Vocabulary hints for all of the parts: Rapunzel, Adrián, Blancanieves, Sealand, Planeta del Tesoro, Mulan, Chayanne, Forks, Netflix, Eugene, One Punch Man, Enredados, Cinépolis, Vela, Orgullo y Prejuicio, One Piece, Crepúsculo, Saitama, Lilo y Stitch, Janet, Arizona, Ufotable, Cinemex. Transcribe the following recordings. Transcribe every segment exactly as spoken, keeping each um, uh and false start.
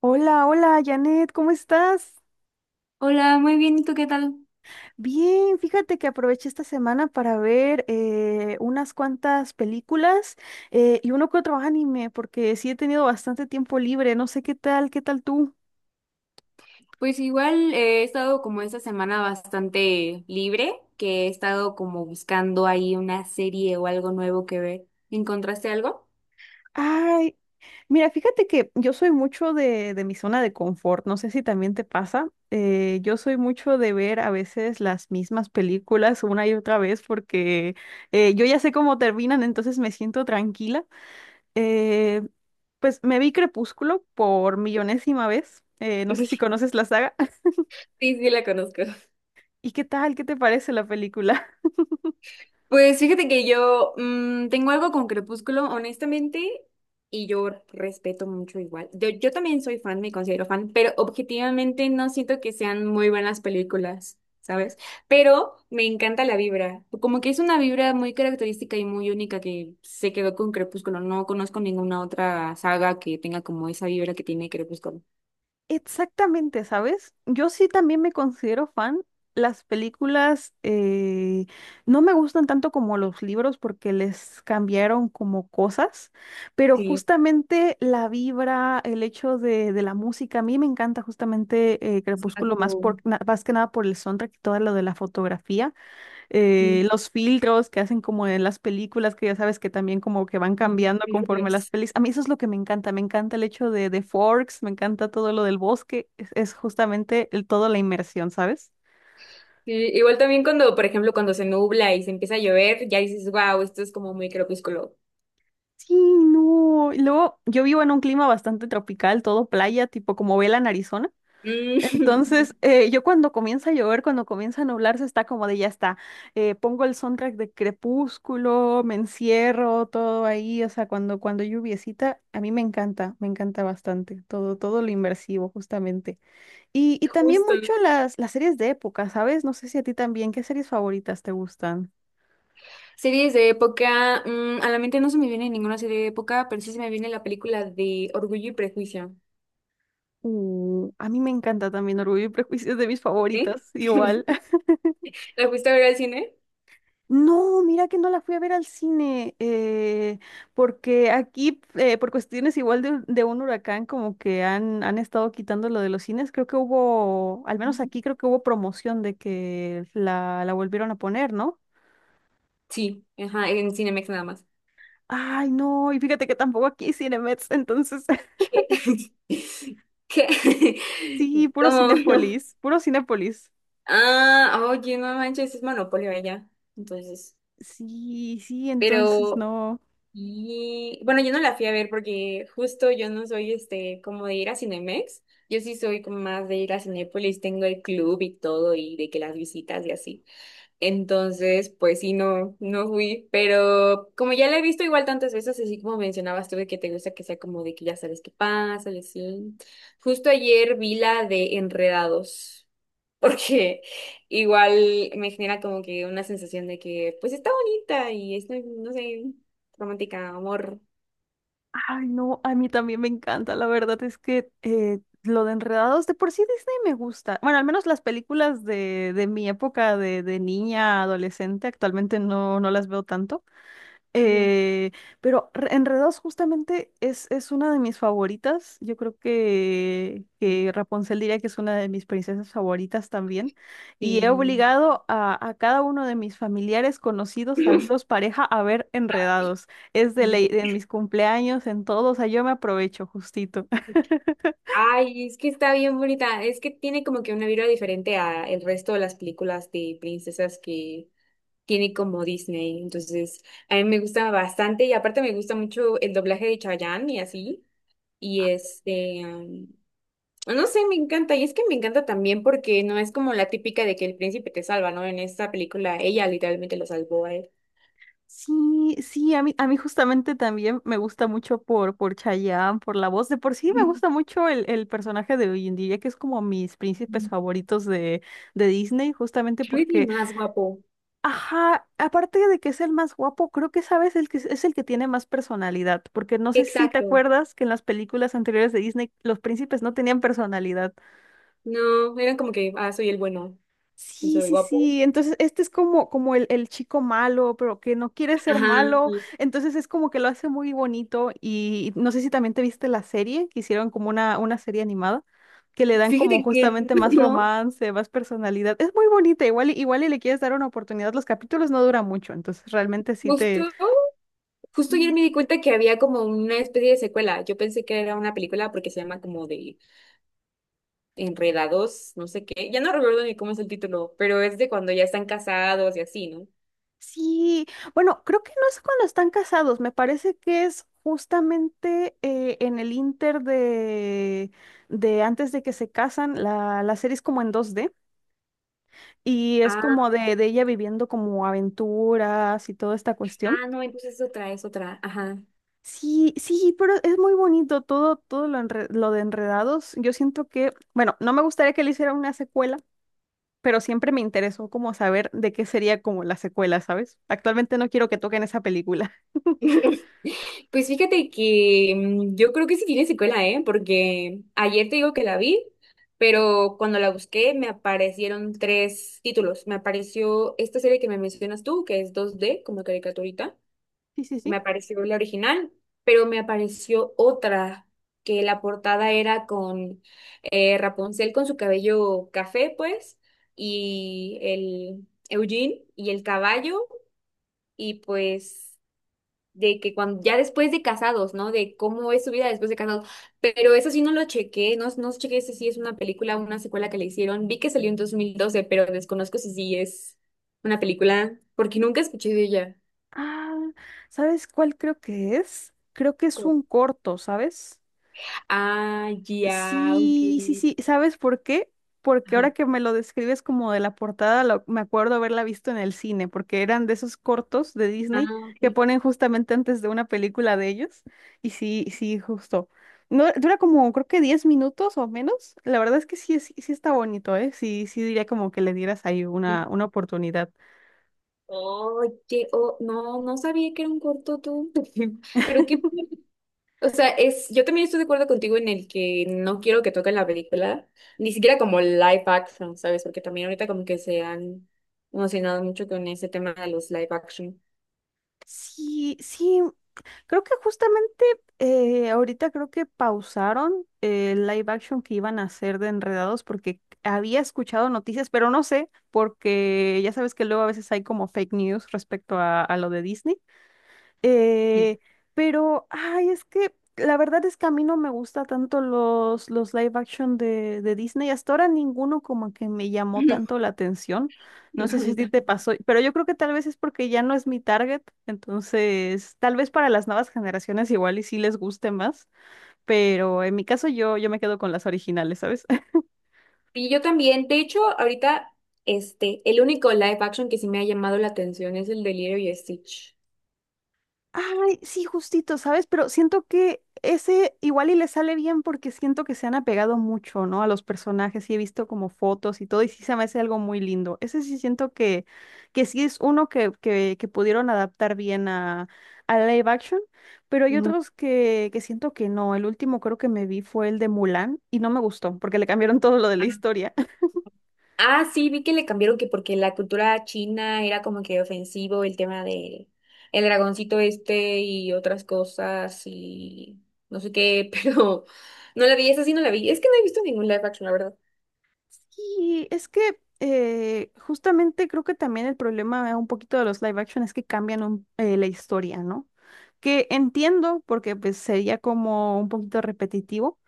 Hola, hola, Janet, ¿cómo estás? Hola, muy bien, ¿y tú qué tal? Bien, fíjate que aproveché esta semana para ver eh, unas cuantas películas eh, y uno que otro anime, porque sí he tenido bastante tiempo libre, no sé qué tal, qué tal tú. Pues igual eh, he estado como esta semana bastante libre, que he estado como buscando ahí una serie o algo nuevo que ver. ¿Encontraste algo? Ay, mira, fíjate que yo soy mucho de, de mi zona de confort, no sé si también te pasa. Eh, yo soy mucho de ver a veces las mismas películas una y otra vez porque eh, yo ya sé cómo terminan, entonces me siento tranquila. Eh, pues me vi Crepúsculo por millonésima vez. Eh, no sé si conoces la saga. Sí, sí, la conozco. ¿Y qué tal? ¿Qué te parece la película? Pues fíjate que yo mm, tengo algo con Crepúsculo, honestamente, y yo respeto mucho igual. Yo, yo también soy fan, me considero fan, pero objetivamente no siento que sean muy buenas películas, ¿sabes? Pero me encanta la vibra, como que es una vibra muy característica y muy única que se quedó con Crepúsculo. No conozco ninguna otra saga que tenga como esa vibra que tiene Crepúsculo. Exactamente, ¿sabes? Yo sí también me considero fan. Las películas eh, no me gustan tanto como los libros porque les cambiaron como cosas, pero Sí, justamente la vibra, el hecho de, de la música, a mí me encanta justamente eh, Crepúsculo más, exacto. por, na- más que nada por el soundtrack y todo lo de la fotografía. Muy- eh, Los filtros que hacen como en las películas, que ya sabes que también como que van muy- cambiando Muy conforme las fríos. pelis. A mí eso es lo que me encanta, me encanta el hecho de, de Forks, me encanta todo lo del bosque, es, es justamente el, toda la inmersión, ¿sabes? Sí, igual también cuando, por ejemplo, cuando se nubla y se empieza a llover, ya dices, wow, esto es como muy crepúsculo. Sí, no. Y luego yo vivo en un clima bastante tropical, todo playa, tipo como Vela en Arizona. Mm, Entonces, eh, yo cuando comienza a llover, cuando comienza a nublarse, está como de ya está. Eh, pongo el soundtrack de Crepúsculo, me encierro, todo ahí. O sea, cuando, cuando hay lluviecita, a mí me encanta, me encanta bastante. Todo, todo lo inmersivo justamente. Y, y también mucho justo. las, las series de época, ¿sabes? No sé si a ti también, ¿qué series favoritas te gustan? Series de época, mm, a la mente no se me viene ninguna serie de época, pero sí se me viene la película de Orgullo y Prejuicio. Uh, a mí me encanta también Orgullo y Prejuicio es de mis ¿Sí? favoritas, igual. ¿La fuiste a ver al cine? No, mira que no la fui a ver al cine, eh, porque aquí, eh, por cuestiones igual de, de un huracán, como que han, han estado quitando lo de los cines, creo que hubo, al menos Ujú. aquí creo que hubo promoción de que la, la volvieron a poner, ¿no? Sí, ajá, en Cinemex nada más. Ay, no, y fíjate que tampoco aquí hay Cinemex, entonces, ¿Qué? ¿Qué? sí, puro ¿Cómo? Cinépolis, puro Cinépolis. Ah, oye, no manches, es monopolio allá. Entonces, Sí, sí, entonces pero no. y bueno, yo no la fui a ver porque justo yo no soy este como de ir a Cinemex. Yo sí soy como más de ir a Cinépolis, tengo el club y todo y de que las visitas y así. Entonces, pues sí, no, no fui, pero como ya la he visto igual tantas veces, así como mencionabas tú de que te gusta que sea como de que ya sabes qué pasa y así. Justo ayer vi la de Enredados porque igual me genera como que una sensación de que pues está bonita y es, no sé, romántica, amor. Ay, no, a mí también me encanta. La verdad es que eh, lo de Enredados, de por sí Disney me gusta. Bueno, al menos las películas de, de mi época de, de niña, adolescente, actualmente no, no las veo tanto. Ujú. Eh, pero re- Enredados justamente es, es una de mis favoritas. Yo creo que, que Rapunzel diría que es una de mis princesas favoritas también. Y he Sí. obligado a, a cada uno de mis familiares, conocidos, amigos, pareja a ver Enredados. Es de Yo- ley, de mis cumpleaños, en todo. O sea, yo me aprovecho justito. ay, es que está bien bonita. Es que tiene como que una vibra diferente a el resto de las películas de princesas que tiene como Disney. Entonces, a mí me gusta bastante y aparte me gusta mucho el doblaje de Chayanne y así. Y este, no sé, me encanta. Y es que me encanta también porque no es como la típica de que el príncipe te salva, ¿no? En esta película ella literalmente lo salvó a él. Sí, sí, a mí, a mí justamente también me gusta mucho por, por Chayanne, por la voz. De por sí me gusta mucho el, el personaje de hoy en día, que es como mis príncipes favoritos de, de Disney, justamente Really porque, más guapo. ajá, aparte de que es el más guapo, creo que sabes el que es es el que tiene más personalidad, porque no sé si te Exacto. acuerdas que en las películas anteriores de Disney los príncipes no tenían personalidad. No, eran como que, ah, soy el bueno y Sí, soy sí, guapo. sí. Entonces, este es como, como el, el chico malo, pero que no quiere ser Ajá. malo. Entonces es como que lo hace muy bonito. Y no sé si también te viste la serie, que hicieron como una, una serie animada, que le dan como Fíjate que justamente más no, romance, más personalidad. Es muy bonita, igual, y- igual y le quieres dar una oportunidad. Los capítulos no duran mucho, entonces realmente sí te, justo, justo ayer sí, me di cuenta que había como una especie de secuela. Yo pensé que era una película porque se llama como de Enredados, no sé qué. Ya no recuerdo ni cómo es el título, pero es de cuando ya están casados y así, ¿no? Sí, bueno, creo que no es cuando están casados, me parece que es justamente eh, en el inter de, de antes de que se casan, la, la serie es como en dos d y es como de, de ella viviendo como aventuras y toda esta cuestión. Ah, no, entonces es otra, es otra. Ajá. Sí, sí, pero es muy bonito todo, todo lo, enre- lo de Enredados. Yo siento que, bueno, no me gustaría que le hiciera una secuela, pero siempre me interesó como saber de qué sería como la secuela, ¿sabes? Actualmente no quiero que toquen esa película. Pues fíjate que mm, yo creo que sí tiene secuela, ¿eh? Porque ayer te digo que la vi, pero cuando la busqué me aparecieron tres títulos. Me apareció esta serie que me mencionas tú, que es dos d como caricaturita. Sí, sí, Me sí. apareció la original, pero me apareció otra, que la portada era con eh, Rapunzel con su cabello café, pues, y el Eugene y el caballo. Y pues de que cuando ya después de casados, ¿no? De cómo es su vida después de casados. Pero eso sí no lo chequé, no, no chequé si sí es una película o una secuela que le hicieron. Vi que salió en dos mil doce pero desconozco si sí es una película porque nunca escuché de ella. Ah, ¿sabes cuál creo que es? Creo que es Como, un corto, ¿sabes? ah, ya, ok. Sí, sí, sí. ¿Sabes por qué? Porque Ajá. ahora que me lo describes como de la portada, lo- me acuerdo haberla visto en el cine, porque eran de esos cortos de Ah, Disney que ok. ponen justamente antes de una película de ellos. Y sí, sí, justo. No, dura como creo que diez minutos o menos. La verdad es que sí, sí, sí está bonito, ¿eh? Sí, sí diría como que le dieras ahí una, Sí. una oportunidad. Oye, oh, no, no sabía que era un corto tú. Pero qué, o sea, es, yo también estoy de acuerdo contigo en el que no quiero que toquen la película, ni siquiera como live action, ¿sabes? Porque también ahorita como que se han emocionado mucho con ese tema de los live action. Sí, sí, creo que justamente eh, ahorita creo que pausaron el live action que iban a hacer de Enredados porque había escuchado noticias, pero no sé, porque ya sabes que luego a veces hay como fake news respecto a, a lo de Disney. Eh, Sí. pero, ay, es que la verdad es que a mí no me gusta tanto los, los live action de, de Disney. Hasta ahora ninguno como que me llamó tanto la atención. No, No a sé si a mí ti te pasó, tampoco. pero yo creo que tal vez es porque ya no es mi target. Entonces, tal vez para las nuevas generaciones igual y sí les guste más. Pero en mi caso yo, yo me quedo con las originales, ¿sabes? Y yo también, de hecho, ahorita, este, el único live action que sí me ha llamado la atención es el de Lilo y Stitch. Ay, sí, justito, ¿sabes? Pero siento que ese igual y le sale bien porque siento que se han apegado mucho, ¿no? A los personajes y he visto como fotos y todo y sí se me hace algo muy lindo. Ese sí siento que, que sí es uno que, que, que pudieron adaptar bien a, a live action, pero hay otros que, que siento que no. El último creo que me vi fue el de Mulan y no me gustó porque le cambiaron todo lo de la Ah, historia. ah, sí, vi que le cambiaron que porque la cultura china era como que ofensivo el tema de el dragoncito este y otras cosas y no sé qué, pero no la vi, esa sí no la vi. Es que no he visto ningún live action, la verdad. Sí, es que eh, justamente creo que también el problema eh, un poquito de los live action es que cambian un- eh, la historia, ¿no? Que entiendo porque pues sería como un poquito repetitivo,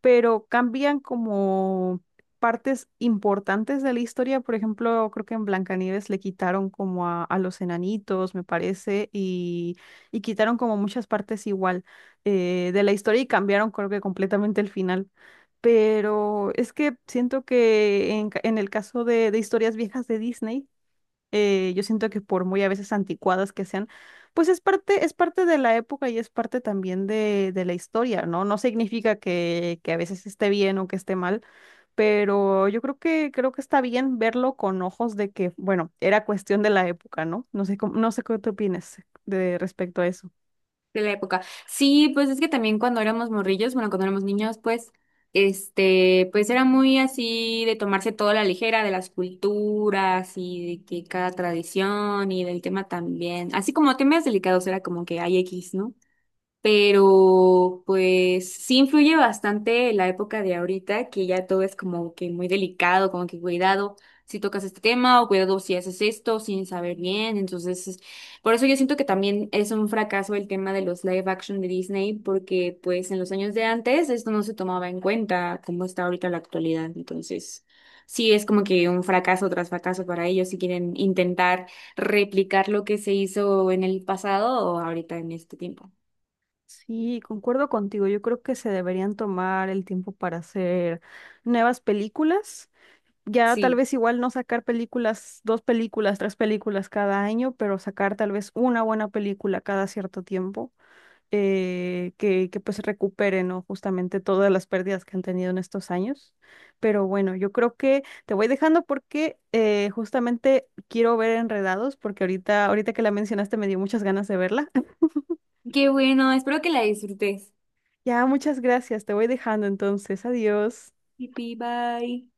pero cambian como partes importantes de la historia. Por ejemplo, creo que en Blancanieves le quitaron como a, a los enanitos, me parece, y, y quitaron como muchas partes igual eh, de la historia y cambiaron creo que completamente el final pero es que siento que en, ca- en el caso de, de historias viejas de Disney, eh, yo siento que por muy a veces anticuadas que sean, pues es parte, es parte de la época y es parte también de, de la historia, ¿no? No significa que, que a veces esté bien o que esté mal, pero yo creo que, creo que está bien verlo con ojos de que, bueno, era cuestión de la época, ¿no? No sé cómo- no sé qué tú opinas de respecto a eso. De la época. Sí, pues es que también cuando éramos morrillos, bueno, cuando éramos niños, pues, este, pues era muy así de tomarse toda la ligera de las culturas y de que cada tradición y del tema también, así como temas delicados era como que hay X, ¿no? Pero pues sí influye bastante la época de ahorita, que ya todo es como que muy delicado, como que cuidado si tocas este tema o cuidado si haces esto sin saber bien, entonces es- por eso yo siento que también es un fracaso el tema de los live action de Disney, porque pues en los años de antes esto no se tomaba en cuenta como está ahorita la actualidad, entonces sí es como que un fracaso tras fracaso para ellos si quieren intentar replicar lo que se hizo en el pasado o ahorita en este tiempo. Sí, concuerdo contigo. Yo creo que se deberían tomar el tiempo para hacer nuevas películas. Ya tal Sí. vez igual no sacar películas, dos películas, tres películas cada año, pero sacar tal vez una buena película cada cierto tiempo eh, que, que pues recupere, ¿no? Justamente todas las pérdidas que han tenido en estos años. Pero bueno, yo creo que te voy dejando porque eh, justamente quiero ver Enredados porque ahorita, ahorita que la mencionaste me dio muchas ganas de verla. Qué bueno, espero que la disfrutes. Ya, muchas gracias. Te voy dejando entonces. Adiós. Pi, bye.